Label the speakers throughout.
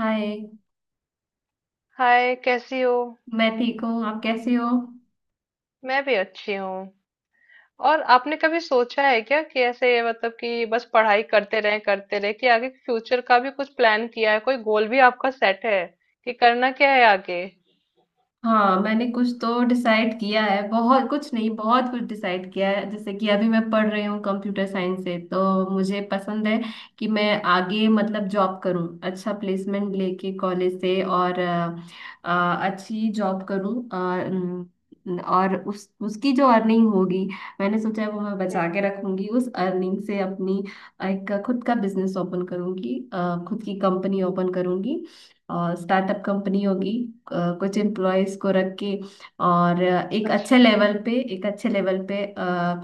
Speaker 1: हाय।
Speaker 2: Hi, कैसी हो।
Speaker 1: मैं ठीक हूँ, आप कैसे हो।
Speaker 2: मैं भी अच्छी हूँ। और आपने कभी सोचा है क्या कि ऐसे मतलब कि बस पढ़ाई करते रहे कि आगे फ्यूचर का भी कुछ प्लान किया है, कोई गोल भी आपका सेट है कि करना क्या है आगे।
Speaker 1: हाँ, मैंने कुछ तो डिसाइड किया है, बहुत कुछ नहीं, बहुत कुछ डिसाइड किया है। जैसे कि अभी मैं पढ़ रही हूँ कंप्यूटर साइंस से, तो मुझे पसंद है कि मैं आगे मतलब जॉब करूँ, अच्छा प्लेसमेंट लेके कॉलेज से, और अच्छी जॉब करूँ। न- और उस उसकी जो अर्निंग होगी, मैंने सोचा है वो मैं
Speaker 2: हम्म।
Speaker 1: बचा के रखूंगी। उस अर्निंग से अपनी एक खुद का बिजनेस ओपन करूंगी, खुद की कंपनी ओपन करूंगी, और स्टार्टअप कंपनी होगी, कुछ एम्प्लॉयज को रख के। और एक
Speaker 2: अच्छा,
Speaker 1: अच्छे लेवल पे,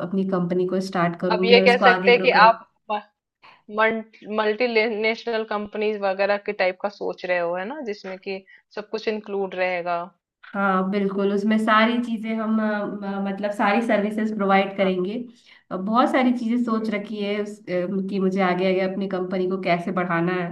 Speaker 1: अपनी कंपनी को स्टार्ट
Speaker 2: अब
Speaker 1: करूंगी
Speaker 2: ये
Speaker 1: और
Speaker 2: कह
Speaker 1: उसको आगे
Speaker 2: सकते हैं
Speaker 1: ग्रो
Speaker 2: कि
Speaker 1: करूँ।
Speaker 2: आप मल्टी नेशनल कंपनीज वगैरह के टाइप का सोच रहे हो, है ना, जिसमें कि सब कुछ इंक्लूड रहेगा।
Speaker 1: हाँ बिल्कुल, उसमें सारी चीजें हम मतलब सारी सर्विसेज प्रोवाइड करेंगे। बहुत सारी चीजें
Speaker 2: हाँ,
Speaker 1: सोच रखी है कि मुझे आगे आगे अपनी कंपनी को कैसे बढ़ाना है।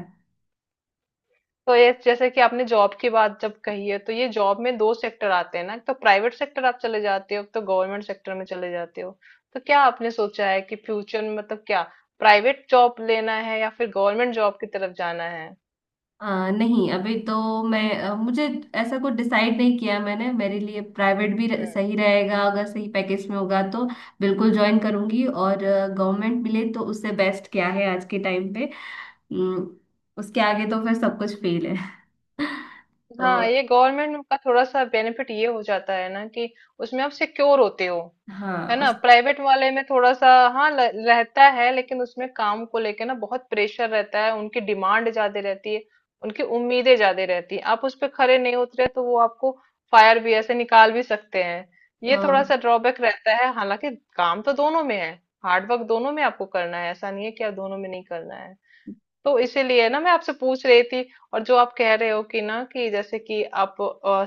Speaker 2: तो ये जैसे कि आपने जॉब की बात जब कही है, तो ये जॉब में दो सेक्टर आते हैं ना, एक तो प्राइवेट सेक्टर आप चले जाते हो, एक तो गवर्नमेंट सेक्टर में चले जाते हो। तो क्या आपने सोचा है कि फ्यूचर में मतलब क्या प्राइवेट जॉब लेना है या फिर गवर्नमेंट जॉब की तरफ जाना है।
Speaker 1: नहीं, अभी तो मैं मुझे ऐसा कुछ डिसाइड नहीं किया मैंने। मेरे लिए प्राइवेट भी
Speaker 2: हम्म।
Speaker 1: सही रहेगा, अगर सही पैकेज में होगा तो बिल्कुल ज्वाइन करूंगी। और गवर्नमेंट मिले तो उससे बेस्ट क्या है आज के टाइम पे। उम, उसके आगे तो फिर सब कुछ फेल है। तो
Speaker 2: हाँ, ये गवर्नमेंट का थोड़ा सा बेनिफिट ये हो जाता है ना कि उसमें आप सिक्योर होते हो।
Speaker 1: हाँ
Speaker 2: है ना,
Speaker 1: उस।
Speaker 2: प्राइवेट वाले में थोड़ा सा हाँ रहता है, लेकिन उसमें काम को लेके ना बहुत प्रेशर रहता है, उनकी डिमांड ज्यादा रहती है, उनकी उम्मीदें ज्यादा रहती है। आप उस पर खरे नहीं उतरे तो वो आपको फायर भी ऐसे निकाल भी सकते हैं, ये थोड़ा
Speaker 1: हाँ
Speaker 2: सा ड्रॉबैक रहता है। हालांकि काम तो दोनों में है, हार्डवर्क दोनों में आपको करना है, ऐसा नहीं है कि आप दोनों में नहीं करना है। तो इसीलिए ना मैं आपसे पूछ रही थी। और जो आप कह रहे हो कि ना कि जैसे कि आप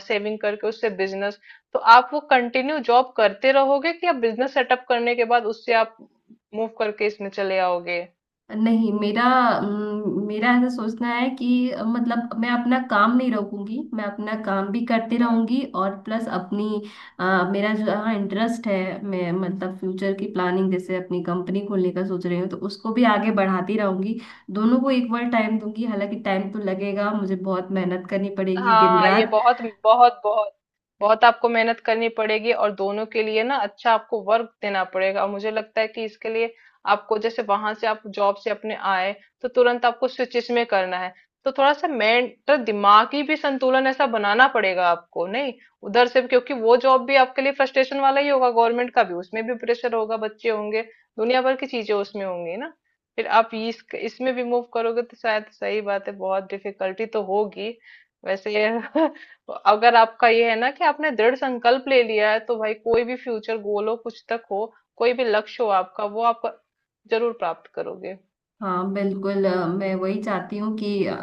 Speaker 2: सेविंग करके उससे बिजनेस, तो आप वो कंटिन्यू जॉब करते रहोगे कि आप बिजनेस सेटअप करने के बाद उससे आप मूव करके इसमें चले आओगे।
Speaker 1: नहीं, मेरा ऐसा सोचना है कि मतलब मैं अपना काम नहीं रोकूंगी, मैं अपना काम भी करती रहूंगी, और प्लस अपनी अ, मेरा जो हाँ इंटरेस्ट है, मैं मतलब फ्यूचर की प्लानिंग जैसे अपनी कंपनी खोलने का सोच रही हूँ तो उसको भी आगे बढ़ाती रहूंगी। दोनों को इक्वल टाइम दूंगी, हालांकि टाइम तो लगेगा, मुझे बहुत मेहनत करनी पड़ेगी दिन
Speaker 2: हाँ, ये
Speaker 1: रात।
Speaker 2: बहुत बहुत बहुत बहुत आपको मेहनत करनी पड़ेगी, और दोनों के लिए ना अच्छा आपको वर्क देना पड़ेगा। और मुझे लगता है कि इसके लिए आपको जैसे वहां से आप जॉब से अपने आए तो तुरंत आपको स्विचिस में करना है, तो थोड़ा सा मेंटल, दिमागी भी संतुलन ऐसा बनाना पड़ेगा आपको। नहीं, उधर से क्योंकि वो जॉब भी आपके लिए फ्रस्ट्रेशन वाला ही होगा, गवर्नमेंट का भी, उसमें भी प्रेशर होगा, बच्चे होंगे, दुनिया भर की चीजें उसमें होंगी ना। फिर आप इस इसमें भी मूव करोगे, तो शायद सही बात है, बहुत डिफिकल्टी तो होगी वैसे। अगर आपका ये है ना कि आपने दृढ़ संकल्प ले लिया है, तो भाई कोई भी फ्यूचर गोल हो, कुछ तक हो, कोई भी लक्ष्य हो आपका, वो आप जरूर प्राप्त करोगे।
Speaker 1: हाँ बिल्कुल, मैं वही चाहती हूँ कि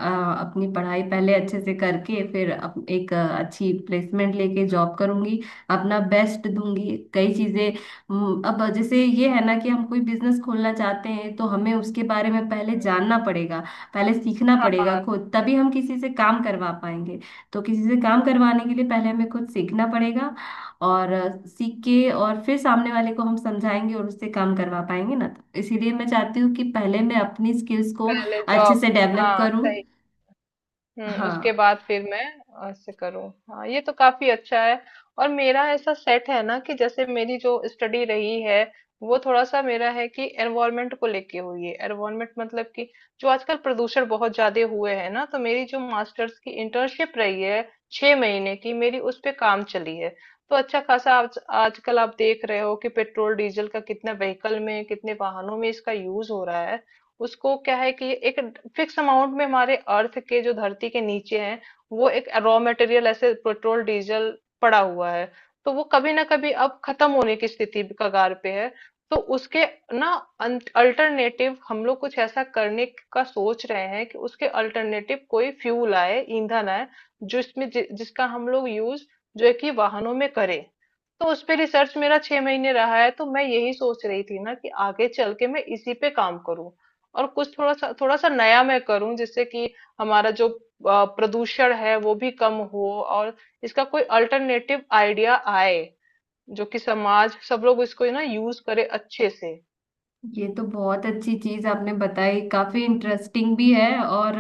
Speaker 1: अपनी पढ़ाई पहले अच्छे से करके फिर एक अच्छी प्लेसमेंट लेके जॉब करूँगी, अपना बेस्ट दूंगी कई चीज़ें। अब जैसे ये है ना कि हम कोई बिजनेस खोलना चाहते हैं तो हमें उसके बारे में पहले जानना पड़ेगा, पहले सीखना पड़ेगा
Speaker 2: हाँ,
Speaker 1: खुद, तभी हम किसी से काम करवा पाएंगे। तो किसी से काम करवाने के लिए पहले हमें खुद सीखना पड़ेगा, और सीख के और फिर सामने वाले को हम समझाएंगे और उससे काम करवा पाएंगे ना। इसीलिए मैं चाहती हूँ कि पहले मैं अपनी स्किल्स को
Speaker 2: पहले
Speaker 1: अच्छे
Speaker 2: जॉब।
Speaker 1: से डेवलप
Speaker 2: हाँ
Speaker 1: करूँ।
Speaker 2: सही। हम्म, उसके
Speaker 1: हाँ,
Speaker 2: बाद फिर मैं ऐसे करूँ। हाँ, ये तो काफी अच्छा है। और मेरा ऐसा सेट है ना कि जैसे मेरी जो स्टडी रही है, वो थोड़ा सा मेरा है कि एनवायरमेंट को लेके हुई है। एनवायरमेंट मतलब कि जो आजकल प्रदूषण बहुत ज्यादा हुए है ना, तो मेरी जो मास्टर्स की इंटर्नशिप रही है 6 महीने की, मेरी उस पे काम चली है। तो अच्छा खासा आज आजकल आप देख रहे हो कि पेट्रोल डीजल का कितने व्हीकल में, कितने वाहनों में इसका यूज हो रहा है। उसको क्या है कि एक फिक्स अमाउंट में हमारे अर्थ के, जो धरती के नीचे है, वो एक रॉ मटेरियल ऐसे पेट्रोल डीजल पड़ा हुआ है, तो वो कभी ना कभी अब खत्म होने की स्थिति, कगार पे है। तो उसके ना अल्टरनेटिव हम लोग कुछ ऐसा करने का सोच रहे हैं कि उसके अल्टरनेटिव कोई फ्यूल आए, ईंधन आए, जो इसमें जिसका हम लोग यूज जो है कि वाहनों में करें। तो उस पे रिसर्च मेरा 6 महीने रहा है, तो मैं यही सोच रही थी ना कि आगे चल के मैं इसी पे काम करूं, और कुछ थोड़ा सा नया मैं करूं जिससे कि हमारा जो प्रदूषण है वो भी कम हो, और इसका कोई अल्टरनेटिव आइडिया आए जो कि समाज, सब लोग इसको ना यूज करे अच्छे से।
Speaker 1: ये तो बहुत अच्छी चीज आपने बताई, काफी इंटरेस्टिंग भी है, और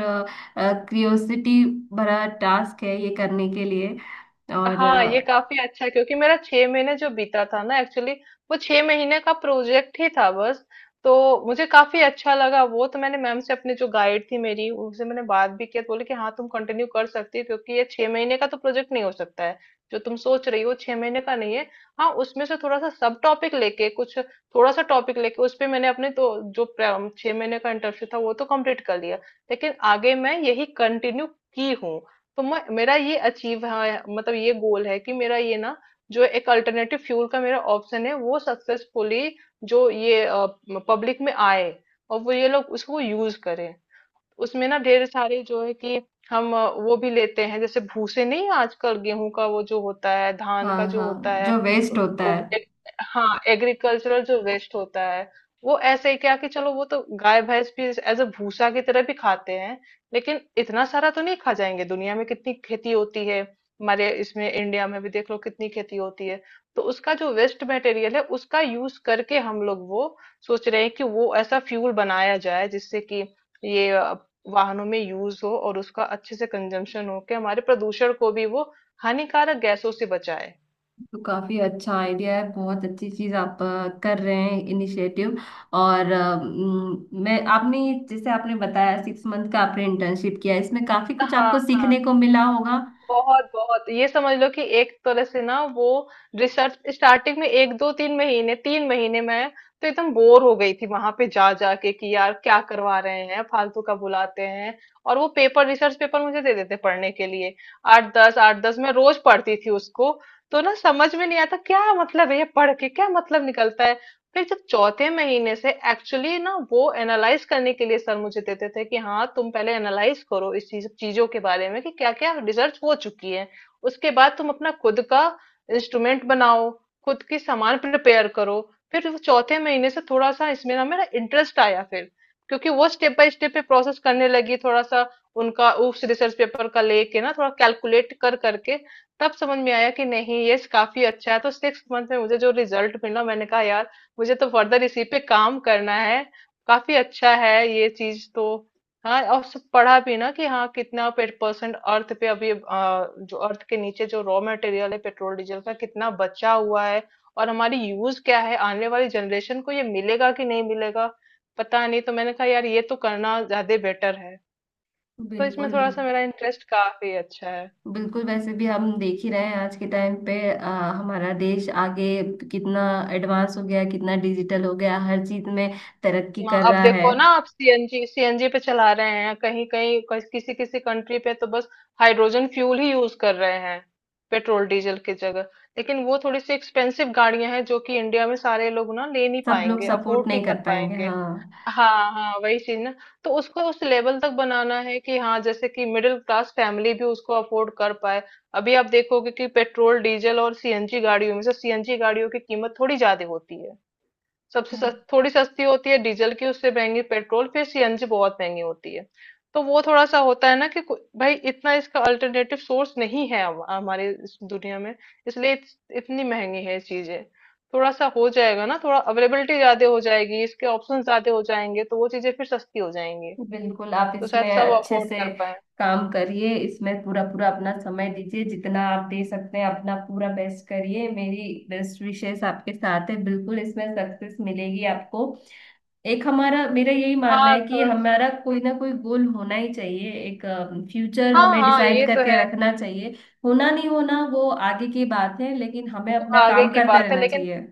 Speaker 1: क्रियोसिटी भरा टास्क है ये करने के लिए। और
Speaker 2: हाँ, ये
Speaker 1: अ,
Speaker 2: काफी अच्छा है, क्योंकि मेरा 6 महीने जो बीता था ना, एक्चुअली वो 6 महीने का प्रोजेक्ट ही था बस। तो मुझे काफी अच्छा लगा वो, तो मैंने मैम से, अपनी जो गाइड थी मेरी, उनसे मैंने बात भी किया, तो बोले कि हाँ तुम कंटिन्यू कर सकती हो, क्योंकि ये 6 महीने का तो प्रोजेक्ट नहीं हो सकता है जो तुम सोच रही हो, 6 महीने का नहीं है। हाँ, उसमें से थोड़ा सा सब टॉपिक लेके, कुछ थोड़ा सा टॉपिक लेके उस पे मैंने अपने तो जो 6 महीने का इंटर्नशिप था वो तो कंप्लीट कर लिया, लेकिन आगे मैं यही कंटिन्यू की हूँ। तो मैं, मेरा ये अचीव है, मतलब ये गोल है कि मेरा ये ना, जो एक अल्टरनेटिव फ्यूल का मेरा ऑप्शन है वो सक्सेसफुली जो ये पब्लिक में आए, और वो ये लोग उसको यूज करें। उसमें ना ढेर सारे जो है कि हम वो भी लेते हैं, जैसे भूसे नहीं, आजकल गेहूं का वो जो होता है, धान
Speaker 1: हाँ
Speaker 2: का जो
Speaker 1: हाँ,
Speaker 2: होता है
Speaker 1: जो वेस्ट होता
Speaker 2: वो
Speaker 1: है।
Speaker 2: हाँ एग्रीकल्चरल जो वेस्ट होता है, वो ऐसे ही क्या कि चलो वो तो गाय भैंस भी एज अ भूसा की तरह भी खाते हैं, लेकिन इतना सारा तो नहीं खा जाएंगे, दुनिया में कितनी खेती होती है, हमारे इसमें इंडिया में भी देख लो कितनी खेती होती है। तो उसका जो वेस्ट मटेरियल है उसका यूज करके हम लोग वो सोच रहे हैं कि वो ऐसा फ्यूल बनाया जाए जिससे कि ये वाहनों में यूज हो, और उसका अच्छे से कंजम्पशन हो के हमारे प्रदूषण को भी वो हानिकारक गैसों से बचाए।
Speaker 1: तो काफी अच्छा आइडिया है, बहुत अच्छी चीज आप कर रहे हैं, इनिशिएटिव। और मैं आपने, जैसे आपने बताया 6 मंथ का आपने इंटर्नशिप किया, इसमें काफी कुछ
Speaker 2: हाँ
Speaker 1: आपको
Speaker 2: हाँ,
Speaker 1: सीखने को मिला होगा।
Speaker 2: बहुत बहुत, ये समझ लो कि एक तरह से ना, वो रिसर्च, स्टार्टिंग में 1 2 3 महीने, 3 महीने में तो एकदम बोर हो गई थी, वहां पे जा जाके कि यार क्या करवा रहे हैं, फालतू का बुलाते हैं, और वो पेपर, रिसर्च पेपर मुझे दे देते पढ़ने के लिए, 8 10 8 10 मैं रोज पढ़ती थी उसको। तो ना समझ में नहीं आता क्या मतलब है, ये पढ़ के क्या मतलब निकलता है। फिर जब चौथे महीने से एक्चुअली ना वो एनालाइज करने के लिए सर मुझे देते थे कि हाँ तुम पहले एनालाइज करो इस चीजों के बारे में कि क्या क्या रिसर्च हो चुकी है, उसके बाद तुम अपना खुद का इंस्ट्रूमेंट बनाओ, खुद की सामान प्रिपेयर करो। फिर वो चौथे महीने से थोड़ा सा इसमें ना मेरा इंटरेस्ट आया, फिर क्योंकि वो स्टेप बाय स्टेप पे प्रोसेस करने लगी थोड़ा सा उनका, उस रिसर्च पेपर का लेके ना थोड़ा कैलकुलेट कर करके तब समझ में आया कि नहीं ये काफी अच्छा है। तो 6 month में मुझे जो रिजल्ट मिला, मैंने कहा यार मुझे तो फर्दर इसी पे काम करना है, काफी अच्छा है ये चीज तो। हाँ, और सब पढ़ा भी ना कि हाँ कितना परसेंट अर्थ पे अभी जो अर्थ के नीचे जो रॉ मटेरियल है पेट्रोल डीजल का कितना बचा हुआ है, और हमारी यूज क्या है, आने वाली जनरेशन को ये मिलेगा कि नहीं मिलेगा पता नहीं। तो मैंने कहा यार ये तो करना ज्यादा बेटर है, तो इसमें
Speaker 1: बिल्कुल।
Speaker 2: थोड़ा सा मेरा इंटरेस्ट, काफी अच्छा है।
Speaker 1: बिल्कुल, वैसे भी हम देख ही रहे हैं आज के टाइम पे, हमारा देश आगे कितना एडवांस हो गया, कितना डिजिटल हो गया, हर चीज में तरक्की
Speaker 2: हाँ,
Speaker 1: कर
Speaker 2: अब
Speaker 1: रहा है।
Speaker 2: देखो ना आप सीएनजी, सीएनजी पे चला रहे हैं, कहीं कहीं किसी किसी कंट्री पे तो बस हाइड्रोजन फ्यूल ही यूज कर रहे हैं पेट्रोल डीजल की जगह, लेकिन वो थोड़ी सी एक्सपेंसिव गाड़ियां हैं जो कि इंडिया में सारे लोग ना ले नहीं
Speaker 1: सब लोग
Speaker 2: पाएंगे,
Speaker 1: सपोर्ट
Speaker 2: अफोर्ड नहीं
Speaker 1: नहीं
Speaker 2: कर
Speaker 1: कर पाएंगे,
Speaker 2: पाएंगे।
Speaker 1: हाँ।
Speaker 2: हाँ हाँ, वही चीज ना, तो उसको उस लेवल तक बनाना है कि हाँ जैसे कि मिडिल क्लास फैमिली भी उसको अफोर्ड कर पाए। अभी आप देखोगे कि पेट्रोल डीजल और सीएनजी गाड़ियों में से सीएनजी गाड़ियों की कीमत थोड़ी ज्यादा होती है, सबसे
Speaker 1: हाँ।
Speaker 2: थोड़ी सस्ती होती है डीजल की, उससे महंगी पेट्रोल, फिर सीएनजी बहुत महंगी होती है। तो वो थोड़ा सा होता है ना कि भाई इतना इसका अल्टरनेटिव सोर्स नहीं है हमारे इस दुनिया में, इसलिए इतनी महंगी है चीजें। थोड़ा सा हो जाएगा ना, थोड़ा अवेलेबिलिटी ज्यादा हो जाएगी, इसके ऑप्शन ज्यादा हो जाएंगे, तो वो चीजें फिर सस्ती हो जाएंगी।
Speaker 1: बिल्कुल, आप
Speaker 2: तो शायद
Speaker 1: इसमें
Speaker 2: सब
Speaker 1: अच्छे
Speaker 2: अफोर्ड
Speaker 1: से
Speaker 2: कर पाए।
Speaker 1: काम करिए, इसमें पूरा पूरा अपना समय दीजिए जितना आप दे सकते हैं, अपना पूरा बेस्ट करिए। मेरी बेस्ट विशेष आपके साथ है, बिल्कुल इसमें सक्सेस मिलेगी आपको। एक हमारा, मेरा यही मानना
Speaker 2: हाँ,
Speaker 1: है कि
Speaker 2: थोड़ा सा।
Speaker 1: हमारा
Speaker 2: हम्म।
Speaker 1: कोई ना कोई
Speaker 2: हम्म।
Speaker 1: गोल होना ही चाहिए, एक फ्यूचर
Speaker 2: हाँ
Speaker 1: हमें
Speaker 2: हाँ,
Speaker 1: डिसाइड
Speaker 2: ये तो
Speaker 1: करके
Speaker 2: है।
Speaker 1: रखना चाहिए। होना नहीं होना वो आगे की बात है, लेकिन हमें
Speaker 2: वो
Speaker 1: अपना
Speaker 2: आगे
Speaker 1: काम
Speaker 2: की
Speaker 1: करते
Speaker 2: बात है,
Speaker 1: रहना
Speaker 2: लेकिन
Speaker 1: चाहिए।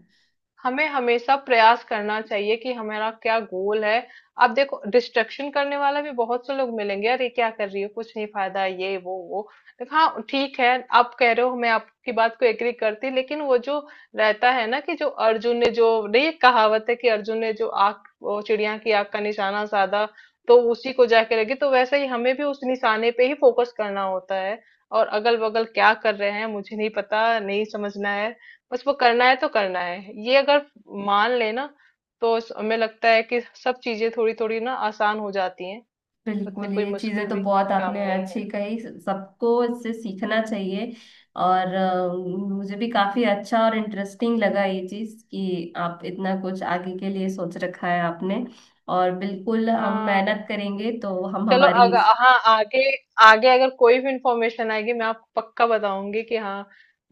Speaker 2: हमें हमेशा प्रयास करना चाहिए कि हमारा क्या गोल है। आप देखो डिस्ट्रक्शन करने वाला भी बहुत से लोग मिलेंगे, अरे क्या कर रही हो, कुछ नहीं फायदा, ये वो वो। देखो, हाँ, ठीक है, आप कह रहे हो, मैं आपकी बात को एग्री करती, लेकिन वो जो रहता है ना कि जो अर्जुन ने जो, नहीं, एक कहावत है कि अर्जुन ने जो आग, वो चिड़िया की आग का निशाना साधा तो उसी को जाके लगी। तो वैसे ही हमें भी उस निशाने पे ही फोकस करना होता है, और अगल बगल क्या कर रहे हैं मुझे नहीं पता, नहीं समझना है। उसको करना है तो करना है, ये अगर मान लेना तो हमें लगता है कि सब चीजें थोड़ी थोड़ी ना आसान हो जाती हैं, उतनी
Speaker 1: बिल्कुल,
Speaker 2: कोई
Speaker 1: ये
Speaker 2: मुश्किल
Speaker 1: चीजें तो
Speaker 2: भी
Speaker 1: बहुत
Speaker 2: काम
Speaker 1: आपने
Speaker 2: नहीं है।
Speaker 1: अच्छी कही, सबको इससे सीखना चाहिए। और मुझे भी काफी अच्छा और इंटरेस्टिंग लगा ये चीज कि आप इतना कुछ आगे के लिए सोच रखा है आपने। और बिल्कुल हम
Speaker 2: हाँ,
Speaker 1: मेहनत करेंगे तो हम
Speaker 2: चलो,
Speaker 1: हमारी।
Speaker 2: अगर हाँ आगे, आगे अगर कोई भी इंफॉर्मेशन आएगी मैं आपको पक्का बताऊंगी कि हाँ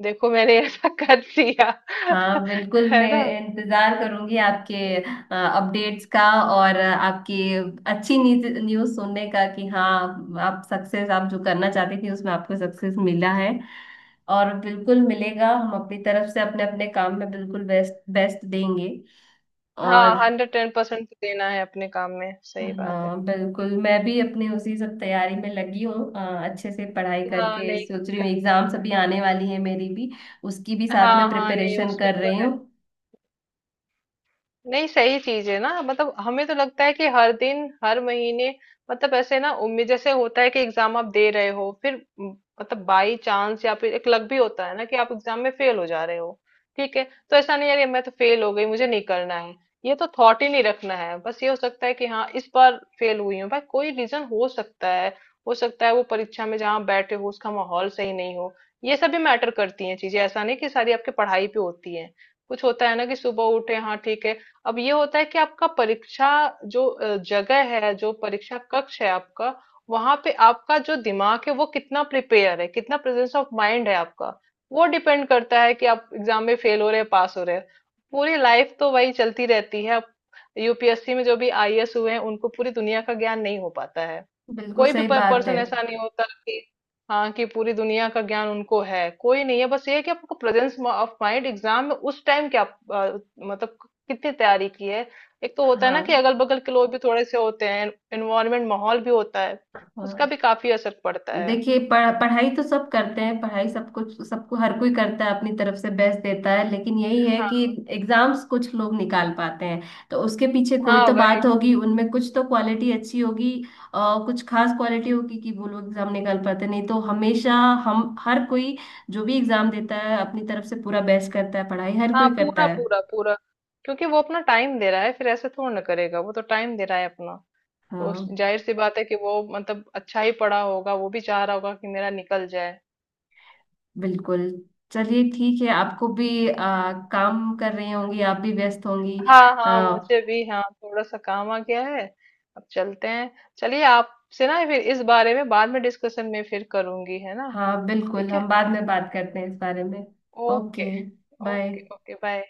Speaker 2: देखो मैंने ऐसा कर दिया।
Speaker 1: हाँ बिल्कुल,
Speaker 2: है
Speaker 1: मैं
Speaker 2: ना।
Speaker 1: इंतजार करूंगी आपके अपडेट्स का, और आपकी अच्छी न्यूज़ सुनने का कि हाँ, आप सक्सेस, आप जो करना चाहती थी उसमें आपको सक्सेस मिला है। और बिल्कुल मिलेगा, हम अपनी तरफ से अपने अपने काम में बिल्कुल बेस्ट बेस्ट देंगे।
Speaker 2: हाँ,
Speaker 1: और
Speaker 2: 110% देना है अपने काम में, सही बात है।
Speaker 1: हाँ बिल्कुल, मैं भी अपनी उसी सब तैयारी में लगी हूँ। अच्छे से पढ़ाई
Speaker 2: हाँ
Speaker 1: करके
Speaker 2: नहीं।
Speaker 1: सोच रही हूँ, एग्जाम्स अभी आने वाली है मेरी भी, उसकी भी साथ
Speaker 2: हाँ
Speaker 1: में
Speaker 2: हाँ, नहीं,
Speaker 1: प्रिपरेशन
Speaker 2: उसमें
Speaker 1: कर
Speaker 2: तो
Speaker 1: रही
Speaker 2: है।
Speaker 1: हूँ।
Speaker 2: नहीं, सही चीज है ना, मतलब हमें तो लगता है कि हर दिन, हर महीने, मतलब ऐसे ना उम्मीद, जैसे होता है कि एग्जाम आप दे रहे हो, फिर मतलब बाई चांस, या फिर एक लक भी होता है ना कि आप एग्जाम में फेल हो जा रहे हो, ठीक है। तो ऐसा नहीं यार ये मैं तो फेल हो गई, मुझे नहीं करना है, ये तो थॉट ही नहीं रखना है। बस ये हो सकता है कि हाँ इस बार फेल हुई हूँ, भाई कोई रीजन हो सकता है, हो सकता है वो परीक्षा में जहाँ आप बैठे हो उसका माहौल सही नहीं हो। ये सब भी मैटर करती हैं चीजें, ऐसा नहीं कि सारी आपकी पढ़ाई पे होती है। कुछ होता है ना कि सुबह उठे हाँ ठीक है, अब ये होता है कि आपका परीक्षा जो जगह है, जो परीक्षा कक्ष है आपका, वहां पे आपका जो दिमाग है वो कितना प्रिपेयर है, कितना प्रेजेंस ऑफ माइंड है आपका, वो डिपेंड करता है कि आप एग्जाम में फेल हो रहे हैं, पास हो रहे हैं। पूरी लाइफ तो वही चलती रहती है अब। यूपीएससी में जो भी आईएएस हुए हैं उनको पूरी दुनिया का ज्ञान नहीं हो पाता है,
Speaker 1: बिल्कुल
Speaker 2: कोई भी
Speaker 1: सही बात है।
Speaker 2: पर्सन ऐसा नहीं होता कि हाँ कि पूरी दुनिया का ज्ञान उनको है, कोई नहीं है। बस ये है कि आपको प्रेजेंस ऑफ माइंड एग्जाम में उस टाइम क्या आप, मतलब कितनी तैयारी की है। एक तो होता है ना कि
Speaker 1: हाँ
Speaker 2: अगल बगल के लोग भी थोड़े से होते हैं, एनवायरमेंट माहौल भी होता है,
Speaker 1: हाँ,
Speaker 2: उसका भी काफी असर पड़ता है।
Speaker 1: देखिए पढ़ाई तो सब करते हैं, पढ़ाई सब कुछ सबको हर कोई करता है, अपनी तरफ से बेस्ट देता है, लेकिन यही है कि
Speaker 2: हाँ
Speaker 1: एग्जाम्स कुछ लोग निकाल पाते हैं, तो उसके पीछे कोई
Speaker 2: हाँ,
Speaker 1: तो
Speaker 2: वही।
Speaker 1: बात होगी, उनमें कुछ तो क्वालिटी अच्छी होगी और कुछ खास क्वालिटी होगी कि वो लोग एग्जाम निकाल पाते हैं। नहीं तो हमेशा हम हर कोई, जो भी एग्जाम देता है अपनी तरफ से पूरा बेस्ट करता है, पढ़ाई हर
Speaker 2: हाँ,
Speaker 1: कोई करता
Speaker 2: पूरा
Speaker 1: है।
Speaker 2: पूरा पूरा, क्योंकि वो अपना टाइम दे रहा है, फिर ऐसे थोड़ा ना करेगा, वो तो टाइम दे रहा है अपना, तो उस,
Speaker 1: हाँ
Speaker 2: जाहिर सी बात है कि वो मतलब अच्छा ही पढ़ा होगा, वो भी चाह रहा होगा कि मेरा निकल जाए।
Speaker 1: बिल्कुल। चलिए ठीक है, आपको भी काम कर रही होंगी, आप भी व्यस्त होंगी।
Speaker 2: हाँ हाँ, मुझे भी हाँ थोड़ा सा काम आ गया है, अब चलते हैं। चलिए, आपसे ना फिर इस बारे में बाद में डिस्कशन में फिर करूंगी, है ना।
Speaker 1: हाँ बिल्कुल,
Speaker 2: ठीक है।
Speaker 1: हम बाद में बात करते हैं इस बारे में। Okay.
Speaker 2: Okay. Okay
Speaker 1: bye.
Speaker 2: Okay, bye.